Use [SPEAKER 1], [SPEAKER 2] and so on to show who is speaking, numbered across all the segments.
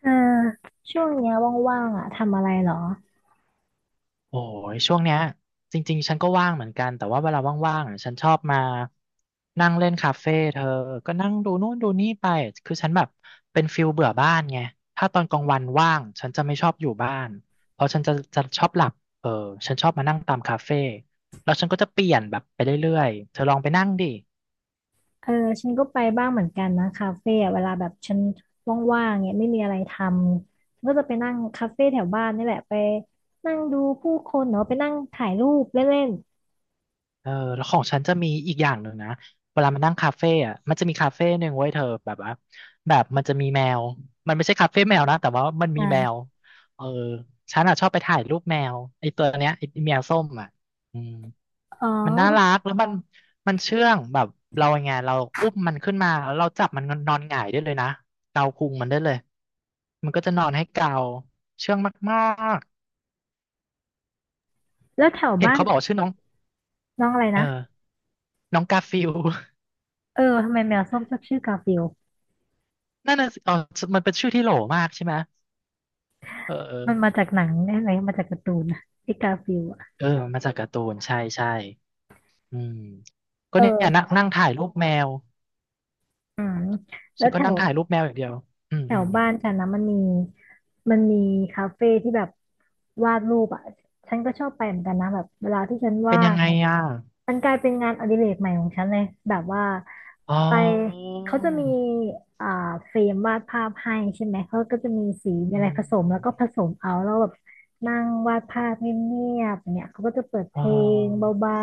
[SPEAKER 1] เออช่วงเนี้ยว่างๆอ่ะทำอะไรเหรอ
[SPEAKER 2] โอ้ยช่วงเนี้ยจริงๆฉันก็ว่างเหมือนกันแต่ว่าเวลาว่างๆอ่ะฉันชอบมานั่งเล่นคาเฟ่เธอก็นั่งดูนู่นดูนี่ไปคือฉันแบบเป็นฟิลเบื่อบ้านไงถ้าตอนกลางวันว่างฉันจะไม่ชอบอยู่บ้านเพราะฉันจะชอบหลับเออฉันชอบมานั่งตามคาเฟ่แล้วฉันก็จะเปลี่ยนแบบไปเรื่อยๆเธอลองไปนั่งดิ
[SPEAKER 1] เออฉันก็ไปบ้างเหมือนกันนะคาเฟ่อะเวลาแบบฉันว่างๆเนี่ยไม่มีอะไรทำฉันก็จะไปนั่งคาเฟ่แถวบ้านนี่แหละไปนั่งดูผู้คนเนาะไปนั่งถ่ายรูปเล่น
[SPEAKER 2] เออแล้วของฉันจะมีอีกอย่างหนึ่งนะเวลามันนั่งคาเฟ่อะมันจะมีคาเฟ่หนึ่งไว้ยเธอแบบว่าแบบมันจะมีแมวมันไม่ใช่คาเฟ่แมวนะแต่ว่ามัน
[SPEAKER 1] ๆ
[SPEAKER 2] มี
[SPEAKER 1] อ่า
[SPEAKER 2] แมวเออฉันอะชอบไปถ่ายรูปแมวไอ้ตัวเนี้ยไอ้แมวส้มอะอืม
[SPEAKER 1] อ๋อ
[SPEAKER 2] มันน่ารักแล้วมันมันเชื่องแบบเราไงเราอุ้มมันขึ้นมาแล้วเราจับมันนอนหงายได้เลยนะเกาพุงมันได้เลยมันก็จะนอนให้เกาเชื่องมาก
[SPEAKER 1] แล้วแถว
[SPEAKER 2] ๆเห็น
[SPEAKER 1] บ้าน
[SPEAKER 2] เขาบอกว่าชื่อน้อง
[SPEAKER 1] น้องอะไร
[SPEAKER 2] เอ
[SPEAKER 1] นะ
[SPEAKER 2] อน้องกาฟิล
[SPEAKER 1] เออทำไมแมวส้มชอบชื่อกาฟิลด์
[SPEAKER 2] นั่นน่ะสิอ๋อมันเป็นชื่อที่โหลมากใช่ไหมเออเออ
[SPEAKER 1] มันมาจากหนังอะไรมมาจากการ์ตูนนะไอ้กาฟิลด์อะ
[SPEAKER 2] เออมันาจากการ์ตูนใช่ใช่อืมก็เนี่ย
[SPEAKER 1] เอ
[SPEAKER 2] นั่ง
[SPEAKER 1] อ
[SPEAKER 2] นั่งถ่ายรูปแมว
[SPEAKER 1] อืมแล้
[SPEAKER 2] ฉั
[SPEAKER 1] ว
[SPEAKER 2] น
[SPEAKER 1] แถ
[SPEAKER 2] ก็นั่
[SPEAKER 1] ว
[SPEAKER 2] งถ่ายรูปแมวอย่างเดียวอืม
[SPEAKER 1] แถ
[SPEAKER 2] อื
[SPEAKER 1] ว
[SPEAKER 2] ม
[SPEAKER 1] บ้านฉันนะมันมีมันมีคาเฟ่ที่แบบวาดรูปอ่ะฉันก็ชอบไปเหมือนกันนะแบบเวลาที่ฉัน
[SPEAKER 2] เป็น
[SPEAKER 1] ว่า
[SPEAKER 2] ยั
[SPEAKER 1] ง
[SPEAKER 2] งไง
[SPEAKER 1] เนี่ย
[SPEAKER 2] อ่ะ
[SPEAKER 1] มันกลายเป็นงานอดิเรกใหม่ของฉันเลยแบบว่า
[SPEAKER 2] อ๋อ
[SPEAKER 1] ไปเขาจะมีอ่าเฟรมวาดภาพให้ใช่ไหมเขาก็จะมีสีมี
[SPEAKER 2] อื
[SPEAKER 1] อะไร
[SPEAKER 2] ม
[SPEAKER 1] ผสม
[SPEAKER 2] อื
[SPEAKER 1] แล้ว
[SPEAKER 2] ม
[SPEAKER 1] ก็ผสมเอาแล้วแบบนั่งวาดภาพเงียบๆเนี่ยเขาก็จะเปิดเพ
[SPEAKER 2] อ๋
[SPEAKER 1] ลงเ
[SPEAKER 2] อ
[SPEAKER 1] บา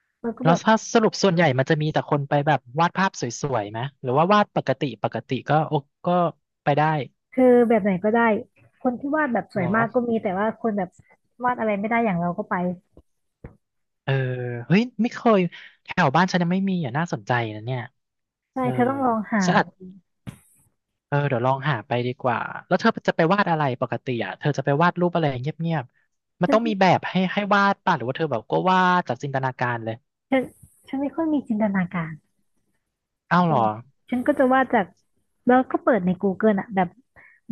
[SPEAKER 1] ๆแล้วก็
[SPEAKER 2] แล้
[SPEAKER 1] แบ
[SPEAKER 2] ว
[SPEAKER 1] บ
[SPEAKER 2] ถ้าสรุปส่วนใหญ่มันจะมีแต่คนไปแบบวาดภาพสวยๆไหมหรือว่าวาดปกติปกติก็โอก็ไปได้
[SPEAKER 1] คือแบบไหนก็ได้คนที่วาดแบบส
[SPEAKER 2] เหร
[SPEAKER 1] วย
[SPEAKER 2] อ
[SPEAKER 1] มากก็มีแต่ว่าคนแบบวาดอะไรไม่ได้อย่างเราก็ไป
[SPEAKER 2] เออเฮ้ยไม่เคยแถวบ้านฉันยังไม่มีอ่ะน่าสนใจนะเนี่ย
[SPEAKER 1] ใช่
[SPEAKER 2] เออ
[SPEAKER 1] เธอต้องลองหา
[SPEAKER 2] สะอาด เออเดี๋ยวลองหาไปดีกว่าแล้วเธอจะไปวาดอะไรปกติอ่ะเธอจะไปวาดรูปอะไรเงียบๆมัน
[SPEAKER 1] ฉั
[SPEAKER 2] ต้
[SPEAKER 1] น
[SPEAKER 2] องมีแบบให้วาดป่ะหรือว่าเธอแบบก็วาดจากจินตนาการเลย
[SPEAKER 1] ฉันฉันไม่ค่อยมีจินตนาการ
[SPEAKER 2] อ้าว
[SPEAKER 1] เอ
[SPEAKER 2] เหรอ
[SPEAKER 1] อฉันก็จะวาดจากแล้วก็เปิดใน Google อ่ะแบบ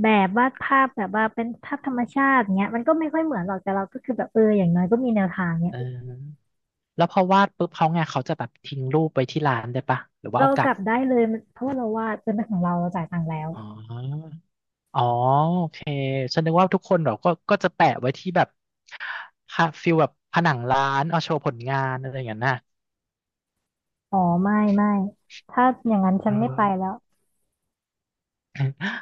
[SPEAKER 1] แบบวาดภาพแบบว่าเป็นภาพธรรมชาติเงี้ยมันก็ไม่ค่อยเหมือนหรอกแต่เราก็คือแบบเอออย่างน้อยก็มีแนวทางเนี้
[SPEAKER 2] เอ
[SPEAKER 1] ย
[SPEAKER 2] อแล้วพอวาดปุ๊บเขาไงเขาจะแบบทิ้งรูปไว้ที่ร้านได้ป่ะหรือว่า
[SPEAKER 1] เรา
[SPEAKER 2] เอาก
[SPEAKER 1] ก
[SPEAKER 2] ลับ
[SPEAKER 1] ลับได้เลยมันเพราะว่าเราวาดเป็นของเราเราจ่ายตังค์แล้ว
[SPEAKER 2] อ๋ออ๋อโอเคฉันนึกว่าทุกคนเราก็จะแปะไว้ที่แบบพะฟิลแบบผนังร้านเอาโชว์ผลงานอะไรอย่างนั้นน่ะ
[SPEAKER 1] อ๋อไม่ไม่ถ้าอย่างนั้น
[SPEAKER 2] เ
[SPEAKER 1] ฉันไม่ไป
[SPEAKER 2] ออ
[SPEAKER 1] แล้ว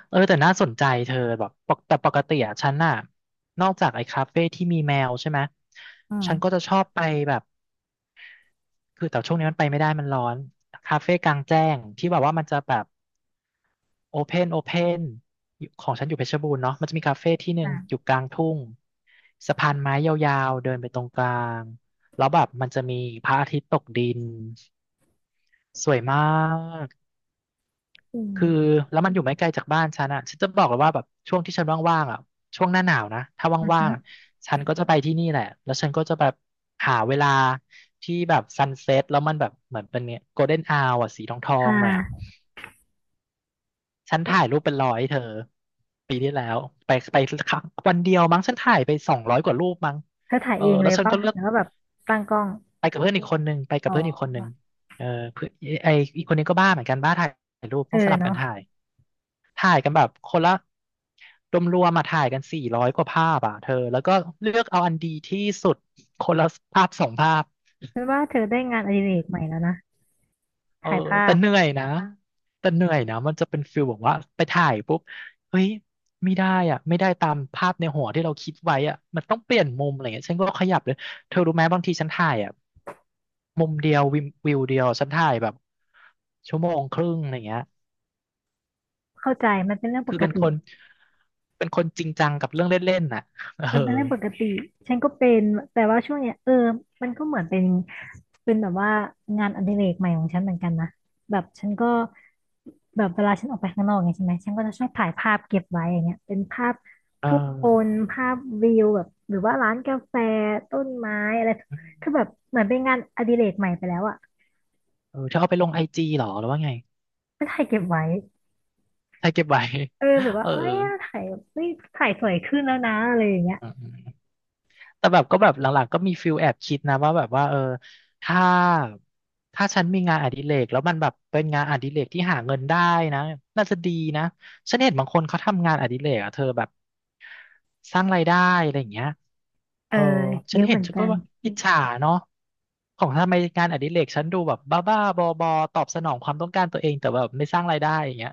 [SPEAKER 2] เออแต่น่าสนใจเธอแบบปกแต่ปกติอะฉันน่ะนอกจากไอ้คาเฟ่ที่มีแมวใช่ไหม
[SPEAKER 1] อื
[SPEAKER 2] ฉันก็
[SPEAKER 1] ม
[SPEAKER 2] จะชอบไปแบบคือแต่ช่วงนี้มันไปไม่ได้มันร้อนคาเฟ่กลางแจ้งที่แบบว่ามันจะแบบโอเพนโอเพนของฉันอยู่เพชรบูรณ์เนาะมันจะมีคาเฟ่ที่หนึ่ง
[SPEAKER 1] อ่ะ
[SPEAKER 2] อยู่กลางทุ่งสะพานไม้ยาวๆเดินไปตรงกลางแล้วแบบมันจะมีพระอาทิตย์ตกดินสวยมาก
[SPEAKER 1] อืม
[SPEAKER 2] คือแล้วมันอยู่ไม่ไกลจากบ้านฉันอ่ะฉันจะบอกเลยว่าแบบช่วงที่ฉันว่างๆอ่ะช่วงหน้าหนาวนะถ้า
[SPEAKER 1] อือ
[SPEAKER 2] ว่า
[SPEAKER 1] ฮึ
[SPEAKER 2] งๆอะฉันก็จะไปที่นี่แหละแล้วฉันก็จะแบบหาเวลาที่แบบซันเซ็ตแล้วมันแบบเหมือนเป็นเนี่ยโกลเด้นอาวอ่ะสีทอ
[SPEAKER 1] ค
[SPEAKER 2] งๆหน่อยอ่ะ
[SPEAKER 1] ่ะ
[SPEAKER 2] ฉันถ่ายรูปเป็นร้อยเธอปีที่แล้วไปครั้งวันเดียวมั้งฉันถ่ายไป200 กว่ารูปมั้ง
[SPEAKER 1] เธอถ่าย
[SPEAKER 2] เออ
[SPEAKER 1] เองเล
[SPEAKER 2] แล้ว
[SPEAKER 1] ย
[SPEAKER 2] ฉัน
[SPEAKER 1] ป่ะ
[SPEAKER 2] ก็เลือก
[SPEAKER 1] แล้วก็แบบตั้งกล้อง
[SPEAKER 2] ไปกับ
[SPEAKER 1] อ๋อ
[SPEAKER 2] เพื่อนอีกคนนึงเออเพื่อนไออีกคนนี้ก็บ้าเหมือนกันบ้าถ่ายรูป
[SPEAKER 1] เอ
[SPEAKER 2] ต้
[SPEAKER 1] อ
[SPEAKER 2] องสลับกั
[SPEAKER 1] เนาะ
[SPEAKER 2] นถ่าย ถ่ายกันแบบคนละรวมมาถ่ายกัน400 กว่าภาพอ่ะเธอแล้วก็เลือกเอาอันดีที่สุดคนละภาพสองภาพ
[SPEAKER 1] ฉันว่าเธอได้งานอดิเรกใหม่แล้วนะ
[SPEAKER 2] เออ
[SPEAKER 1] ถ่ายภา
[SPEAKER 2] แต่
[SPEAKER 1] พ
[SPEAKER 2] เหนื่อยนะแต่เหนื่อยนะมันจะเป็นฟิลแบบว่าไปถ่ายปุ๊บเฮ้ยไม่ได้อ่ะไม่ได้ตามภาพในหัวที่เราคิดไว้อ่ะมันต้องเปลี่ยนมุมอะไรเงี้ยฉันก็ขยับเลยเธอรู้ไหมบางทีฉันถ่ายอ่ะมุมเดียววิวเดียวฉันถ่ายแบบชั่วโมงครึ่งอะไรเงี้ย
[SPEAKER 1] เข้าใจมันเป็นเรื่องป
[SPEAKER 2] คือ
[SPEAKER 1] ก
[SPEAKER 2] เป็นค
[SPEAKER 1] ติ
[SPEAKER 2] นเป็นคนจริงจังกับเรื่องเล่นๆน่ะเออ
[SPEAKER 1] มันเป็นเรื่องปกติฉันก็เป็นแต่ว่าช่วงเนี้ยมันก็เหมือนเป็นเป็นแบบว่างานอดิเรกใหม่ของฉันเหมือนกันนะแบบฉันก็แบบเวลาฉันออกไปข้างนอกไงใช่ไหมฉันก็จะชอบถ่ายภาพเก็บไว้อย่างเงี้ยเป็นภาพ
[SPEAKER 2] เอ
[SPEAKER 1] ผู้คน
[SPEAKER 2] อ
[SPEAKER 1] ภาพวิวแบบหรือว่าร้านกาแฟต้นไม้อะไรคือแบบเหมือนเป็นงานอดิเรกใหม่ไปแล้วอะ
[SPEAKER 2] เออเธอเอาไปลงไอจีหรอหรือว่าไง
[SPEAKER 1] ก็ถ่ายเก็บไว้
[SPEAKER 2] ใช่เก็บไว้
[SPEAKER 1] เออแบบ ว่า
[SPEAKER 2] เออ
[SPEAKER 1] เอ้ยถ่ายเฮ้ยถ่ายสวยขึ้นแล้วนะอะไรอย่างเงี้ย
[SPEAKER 2] อืมแต่แบบก็แบบหลังๆก็มีฟิลแอบคิดนะว่าแบบว่าเออถ้าถ้าฉันมีงานอดิเรกแล้วมันแบบเป็นงานอดิเรกที่หาเงินได้นะน่าจะดีนะฉันเห็นบางคนเขาทำงานอดิเรกอะเธอแบบสร้างรายได้อะไรอย่างเงี้ย
[SPEAKER 1] เอ
[SPEAKER 2] เอ
[SPEAKER 1] อ
[SPEAKER 2] อฉั
[SPEAKER 1] เย
[SPEAKER 2] น
[SPEAKER 1] อะ
[SPEAKER 2] เห็
[SPEAKER 1] เห
[SPEAKER 2] น
[SPEAKER 1] มือน
[SPEAKER 2] ฉัน
[SPEAKER 1] กั
[SPEAKER 2] ก็
[SPEAKER 1] น
[SPEAKER 2] ว่าอิจฉาเนาะของทำไมงานอดิเรกฉันดูแบบบ้าๆบอๆตอบสนองความต้องการตัวเองแต่แบบไม่สร้างรายได้อย่างเงี้ย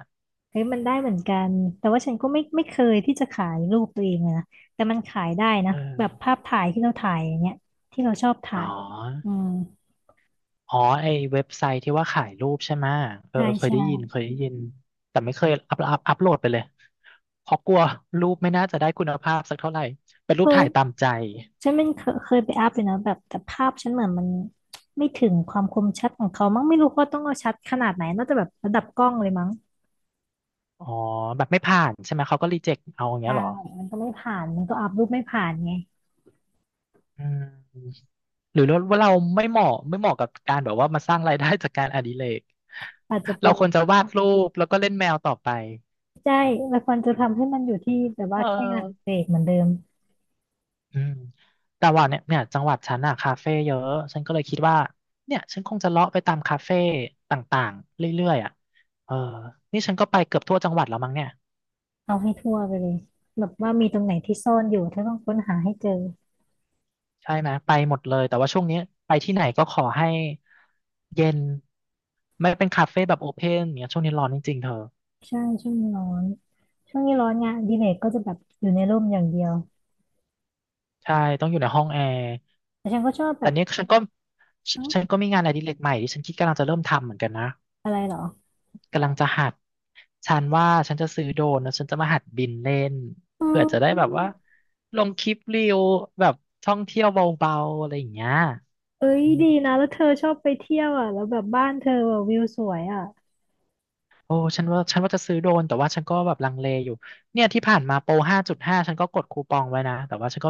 [SPEAKER 1] เฮ้ยมันได้เหมือนกันแต่ว่าฉันก็ไม่เคยที่จะขายรูปตัวเองเลยนะแต่มันขายได้นะ
[SPEAKER 2] เอ
[SPEAKER 1] แบบ
[SPEAKER 2] อ
[SPEAKER 1] ภาพถ่ายที่เราถ่ายอย่างเงี้ยที่เราชอบ
[SPEAKER 2] อ๋
[SPEAKER 1] ถ่า
[SPEAKER 2] อ
[SPEAKER 1] ยอืม
[SPEAKER 2] อ๋อไอเว็บไซต์ที่ว่าขายรูปใช่ไหมเออ
[SPEAKER 1] ใช่
[SPEAKER 2] เออเคย
[SPEAKER 1] ใช่
[SPEAKER 2] ได้ยินเคยได้ยิน แต่ไม่เคยอัพโหลดไปเลยเพราะกลัวรูปไม่น่าจะได้คุณภาพสักเท่าไหร่ เป็นรู
[SPEAKER 1] เค
[SPEAKER 2] ปถ่ายตาม
[SPEAKER 1] ย
[SPEAKER 2] ใจ
[SPEAKER 1] ฉันมันเคยไปอัพเลยนะแบบแต่ภาพฉันเหมือนมันไม่ถึงความคมชัดของเขามั้งไม่รู้ว่าต้องเอาชัดขนาดไหนน่าจะแบบระดับกล้องเลยมั้ง
[SPEAKER 2] อ๋อแบบไม่ผ่านใช่ไหม เขาก็รีเจ็คเอาอย่างเงี้
[SPEAKER 1] ได้
[SPEAKER 2] ยเหรอ
[SPEAKER 1] มันก็ไม่ผ่านมันก็อัพรูปไม่ผ่านไง
[SPEAKER 2] อืมหรือว่าเราไม่เหมาะกับการแบบว่ามาสร้างรายได้จากการอดิเรก
[SPEAKER 1] อาจจะเป็
[SPEAKER 2] เรา
[SPEAKER 1] น
[SPEAKER 2] ควรจะวาดรูปแล้วก็เล่นแมวต่อไป
[SPEAKER 1] ใช่มันควรจะทำให้มันอยู่ที่แบบ
[SPEAKER 2] เ
[SPEAKER 1] ว่าแค่งานอดิเร
[SPEAKER 2] ออ
[SPEAKER 1] กเหมือนเดิม
[SPEAKER 2] อืมแต่ว่าเนี่ยจังหวัดฉันอะคาเฟ่เยอะฉันก็เลยคิดว่าเนี่ยฉันคงจะเลาะไปตามคาเฟ่ต่างๆเรื่อยๆอะเออนี่ฉันก็ไปเกือบทั่วจังหวัดแล้วมั้งเนี่ย
[SPEAKER 1] เอาให้ทั่วไปเลยแบบว่ามีตรงไหนที่ซ่อนอยู่ถ้าต้องค้นหาให้เจอ
[SPEAKER 2] ใช่ไหมไปหมดเลยแต่ว่าช่วงนี้ไปที่ไหนก็ขอให้เย็นไม่เป็นคาเฟ่แบบโอเพนเนี่ยช่วงนี้ร้อนจริงๆเธอ
[SPEAKER 1] ใช่ช่วงนี้ร้อน ช่วงนี้ร้อนงานอดีเลยก็จะแบบอยู่ในร่มอย่างเดียว
[SPEAKER 2] ใช่ต้องอยู่ในห้องแอร์
[SPEAKER 1] แต่ฉันก็ชอบแบ
[SPEAKER 2] แต่
[SPEAKER 1] บ
[SPEAKER 2] เนี้ยฉันก็ฉ
[SPEAKER 1] เอ้า
[SPEAKER 2] ฉันก็มีงานอดิเรกใหม่ที่ฉันคิดกำลังจะเริ่มทำเหมือนกันนะ
[SPEAKER 1] อะไรเหรอ
[SPEAKER 2] กำลังจะหัดฉันว่าฉันจะซื้อโดรนแล้วฉันจะมาหัดบินเล่น
[SPEAKER 1] อ๋
[SPEAKER 2] เผื่อจะได้แบบ
[SPEAKER 1] อ
[SPEAKER 2] ว่าลงคลิปรีวแบบท่องเที่ยวเบาๆอะไรอย่างเงี้ย
[SPEAKER 1] เอ้ย
[SPEAKER 2] อืม
[SPEAKER 1] ดีนะแล้วเธอชอบไปเที่ยวอ่ะแล้วแบบบ้านเธอแบบวิวสวยอ่ะ
[SPEAKER 2] โอ้ฉันว่าจะซื้อโดรนแต่ว่าฉันก็แบบลังเลอยู่เนี่ยที่ผ่านมาโปร5.5ฉันก็กดคูปองไว้นะแต่ว่าฉันก็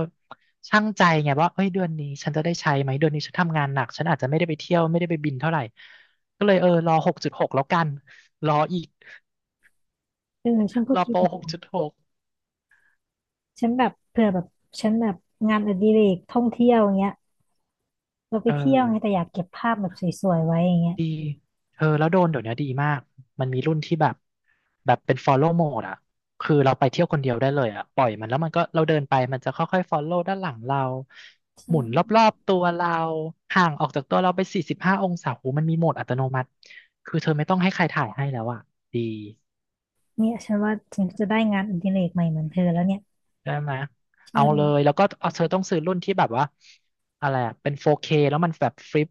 [SPEAKER 2] ชั่งใจไงว่าเอ้ยเดือนนี้ฉันจะได้ใช้ไหมเดือนนี้ฉันทำงานหนักฉันอาจจะไม่ได้ไปเที่ยวไม่ได้ไปบินเท่าไหร่ก็เลยเออรอหกจุดหกแล้วกันรออีก
[SPEAKER 1] เออฉันก็
[SPEAKER 2] รอ
[SPEAKER 1] คิด
[SPEAKER 2] โปร
[SPEAKER 1] แบบ
[SPEAKER 2] หก
[SPEAKER 1] นั้
[SPEAKER 2] จุด
[SPEAKER 1] น
[SPEAKER 2] หก
[SPEAKER 1] ฉันแบบเผื่อแบบฉันแบบงานอดิเรกท่องเที่ยวอย่างเงี้ยเราไป
[SPEAKER 2] เออ
[SPEAKER 1] เที่ยวไงแต่อยากเก็บภาพแบบสวยๆไว้อย่างเงี้ย
[SPEAKER 2] ดี เธอแล้วโดนเดี๋ยวนี้ดีมาก มันมีรุ่นที่แบบแบบเป็น follow mode อะคือเราไปเที่ยวคนเดียวได้เลยอะปล่อยมันแล้วมันก็เราเดินไปมันจะค่อยๆ follow ด้านหลังเราห
[SPEAKER 1] ใช่
[SPEAKER 2] มุนรอบๆตัวเราห่างออกจากตัวเราไปสี่สิบห้าองศาหูมันมีโหมดอัตโนมัติ คือเธอไม่ต้องให้ใครถ่ายให้แล้วอะดี
[SPEAKER 1] เนี่ยฉันว่าฉันจะได้งานอดิเรกใหม่เหมือนเธอแล้วเนี่ย
[SPEAKER 2] ใช่ไหม
[SPEAKER 1] ใช่
[SPEAKER 2] เอาเลย แล้วก็เอาเธอต้องซื้อรุ่นที่แบบว่าอะไรอะเป็น 4K แล้วมันแบบฟลิป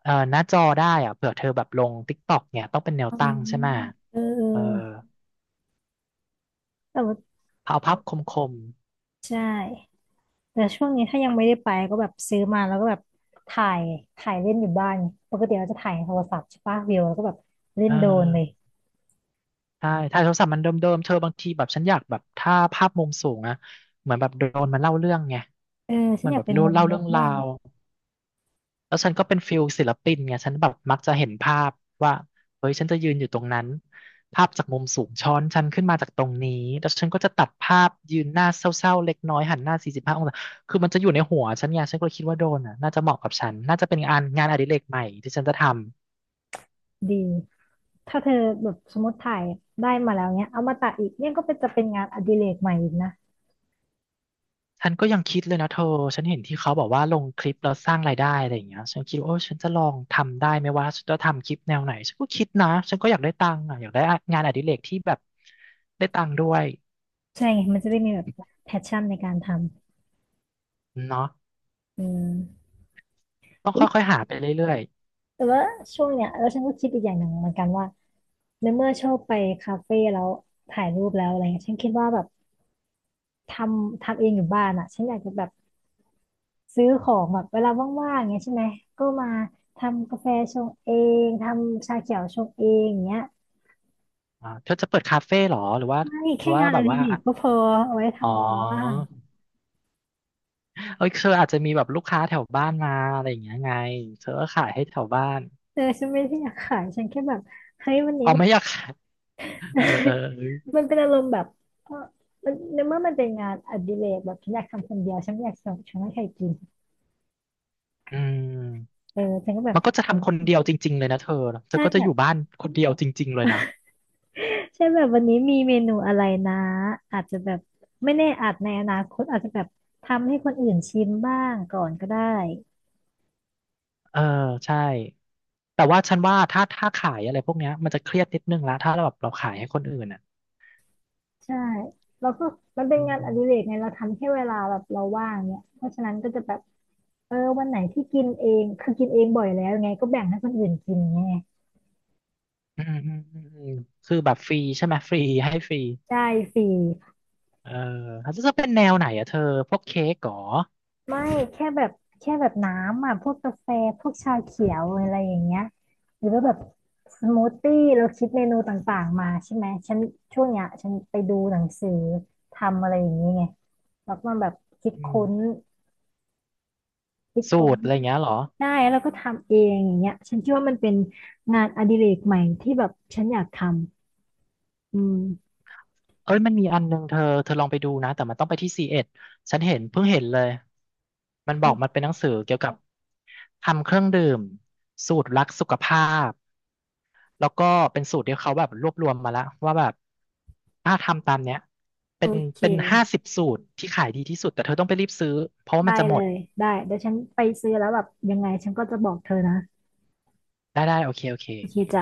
[SPEAKER 2] หน้าจอได้อะเผื่อเธอแบบลง TikTok เนี่ยต้องเป็นแนว
[SPEAKER 1] อ๋อ
[SPEAKER 2] ตั้งใช่ไหม
[SPEAKER 1] เออเอ
[SPEAKER 2] เออ
[SPEAKER 1] อแต่ว่า
[SPEAKER 2] เอาภาพคม
[SPEAKER 1] ใช่แต่ช่วงนี้ถ้ายังไม่ได้ไปก็แบบซื้อมาแล้วก็แบบถ่ายถ่ายเล่นอยู่บ้านไงปกติเราจะถ่ายโทรศัพท์ใช่ปะวิวแล้วก็แบบ
[SPEAKER 2] ๆ
[SPEAKER 1] เล่
[SPEAKER 2] เอ
[SPEAKER 1] น
[SPEAKER 2] อ
[SPEAKER 1] โดรนเลย
[SPEAKER 2] ใช่ถ่ายโทรศัพท์มันเดิมๆ เธอบางทีแบบฉันอยากแบบถ้าภาพมุมสูงอะเหมือนแบบโดรนมันเล่าเรื่องไง
[SPEAKER 1] เออฉั
[SPEAKER 2] เหมั
[SPEAKER 1] น
[SPEAKER 2] น
[SPEAKER 1] อยา
[SPEAKER 2] แบ
[SPEAKER 1] ก
[SPEAKER 2] บ
[SPEAKER 1] เป็
[SPEAKER 2] เ
[SPEAKER 1] นมุม
[SPEAKER 2] ล่า
[SPEAKER 1] มุ
[SPEAKER 2] เรื่อ
[SPEAKER 1] ก
[SPEAKER 2] งรา
[SPEAKER 1] บ้าง
[SPEAKER 2] ว แล้วฉันก็เป็นฟิลศิลปินไงฉันแบบมักจะเห็นภาพว่าเฮ้ยฉันจะยืนอยู่ตรงนั้นภาพจากมุมสูงช้อนฉันขึ้นมาจากตรงนี้แล้วฉันก็จะตัดภาพยืนหน้าเศร้าๆเล็กน้อยหันหน้าสี่สิบห้าองศาคือมันจะอยู่ในหัวฉันไงฉันก็เลยคิดว่าโดนอ่ะน่าจะเหมาะกับฉันน่าจะเป็นงานอดิเรกใหม่ที่ฉันจะทำ
[SPEAKER 1] ดีถ้าเธอแบบสมมติถ่ายได้มาแล้วเนี้ยเอามาตัดอีกเนี่ยก็เป็นจะเป็นงานอดิเรกใหม่อีกนะ
[SPEAKER 2] ฉันก็ยังคิดเลยนะเธอฉันเห็นที่เขาบอกว่าลงคลิปแล้วสร้างรายได้อะไรอย่างเงี้ยฉันคิดว่าโอ้ฉันจะลองทำได้ไหมว่าฉันจะทำคลิปแนวไหนฉันก็คิดนะฉันก็อยากได้ตังค์อ่ะอยากได้งานอดิเรกที่แบบได้ตังค์ด้วย
[SPEAKER 1] ใช่ไงมันจะได้มีแบบแพชชั่นในการท
[SPEAKER 2] เนาะ
[SPEAKER 1] ำอืม
[SPEAKER 2] ต้องค่อยๆหาไปเรื่อย
[SPEAKER 1] แต่ว่าช่วงเนี้ยแล้วฉันก็คิดอีกอย่างหนึ่งเหมือนกันว่า ในเมื่อชอบไปคาเฟ่แล้วถ่ายรูปแล้วอะไรเงี้ยฉันคิดว่าแบบททำเองอยู่บ้านอ่ะฉันอยากจะแบบซื้อของแบบเวลาว่างๆอย่างเงี้ยใช่ไหมก็มาทำกาแฟชงเองทำชาเขียวชงเองอย่างเงี้ย
[SPEAKER 2] ๆอ่าเธอจะเปิดคาเฟ่เหรอหรือว่า
[SPEAKER 1] ไม่
[SPEAKER 2] หรื
[SPEAKER 1] แค่
[SPEAKER 2] อว่า
[SPEAKER 1] งาน
[SPEAKER 2] แบ
[SPEAKER 1] อ
[SPEAKER 2] บ
[SPEAKER 1] ดิ
[SPEAKER 2] ว่า
[SPEAKER 1] เรกก็พอเอาไว้
[SPEAKER 2] อ๋อ
[SPEAKER 1] ทำเวลาว่าง
[SPEAKER 2] เอ้ยเธออาจจะมีแบบลูกค้าแถวบ้านมาอะไรอย่างเงี้ยไงเธอก็ขายให้แถวบ้าน
[SPEAKER 1] เออฉันไม่ได้อยากขายฉันแค่แบบเฮ้ยวันนี้
[SPEAKER 2] อ๋อ
[SPEAKER 1] แบบ
[SPEAKER 2] ไม่อยากขายเออเออเอ อ
[SPEAKER 1] มันเป็นอารมณ์แบบเออมันในเมื่อมันเป็นงานอดิเรกแบบฉันอยากทำคนเดียวฉันไม่อยากส่งฉันไม่ให้ใครกิน
[SPEAKER 2] อืม
[SPEAKER 1] เออฉันก็แบบ
[SPEAKER 2] มันก็จะทำคนเดียวจริงๆเลยนะเธอ
[SPEAKER 1] ใช่
[SPEAKER 2] ก็จะ
[SPEAKER 1] แบ
[SPEAKER 2] อ
[SPEAKER 1] บ
[SPEAKER 2] ยู่บ้านคนเดียวจริงๆเลยนะ
[SPEAKER 1] ใช่แบบวันนี้มีเมนูอะไรนะอาจจะแบบไม่แน่อาจในอนาคตอาจจะแบบทำให้คนอื่นชิมบ้างก่อนก็ได้
[SPEAKER 2] เออใช่แต่ว่าฉันว่าถ้าขายอะไรพวกเนี้ยมันจะเครียดนิดนึงละถ้าเราแบบเราขายให้คนอื่นอ่ะ
[SPEAKER 1] ใช่แล้วก็มันเป็น
[SPEAKER 2] อื
[SPEAKER 1] งานอ
[SPEAKER 2] ม
[SPEAKER 1] ดิเรกไงเราทำแค่เวลาแบบเราว่างเนี่ยเพราะฉะนั้นก็จะแบบเออวันไหนที่กินเองคือกินเองบ่อยแล้วไงก็แบ่งให้คนอื่นกินไง
[SPEAKER 2] อืมอืมอืมอืมคือแบบฟรีใช่ไหมฟรีให้ฟรี
[SPEAKER 1] ใช่ฟรี
[SPEAKER 2] เออเล้จะเป็นแนวไหนอะเธอพวกเค้กเหรอ
[SPEAKER 1] ไม่แค่แบบแค่แบบน้ำอ่ะพวกกาแฟพวกชาเขียวอะไรอย่างเงี้ยหรือว่าแบบสมูทตี้เราคิดเมนูต่างๆมาใช่ไหมฉันช่วงเนี้ยฉันไปดูหนังสือทำอะไรอย่างนี้ไงแล้วก็แบบคิด
[SPEAKER 2] อืม
[SPEAKER 1] ค้นคิด
[SPEAKER 2] สู
[SPEAKER 1] ค้น
[SPEAKER 2] ตรอะไรอย่างเงี้ยเหรอ
[SPEAKER 1] ได้แล้วก็ทำเองอย่างเงี้ยฉันคิดว่ามันเป็นงานอดิเรกใหม่ที่แบบฉันอยากทำอืม
[SPEAKER 2] เอ้ยมันมีอันนึงเธอลองไปดูนะแต่มันต้องไปที่ซีเอ็ดฉันเห็นเพิ่งเห็นเลยมันบอก
[SPEAKER 1] โอ
[SPEAKER 2] มันเป็นหนังสือเกี่ยวกับทำเครื่องดื่มสูตรรักสุขภาพแล้วก็เป็นสูตรที่เขาแบบรวบรวมมาแล้วว่าแบบถ้าทำตามเนี้ย
[SPEAKER 1] โอ
[SPEAKER 2] เป็น
[SPEAKER 1] เค
[SPEAKER 2] เป็น50 สูตรที่ขายดีที่สุดแต่เธอต้องไปรีบซื้อเพราะว่า
[SPEAKER 1] ได้
[SPEAKER 2] มันจะหม
[SPEAKER 1] เล
[SPEAKER 2] ด
[SPEAKER 1] ยได้เดี๋ยวฉันไปซื้อแล้วแบบยังไงฉันก็จะบอกเธอนะ
[SPEAKER 2] ได้ได้โอเคโอเค
[SPEAKER 1] โอเคจ้ะ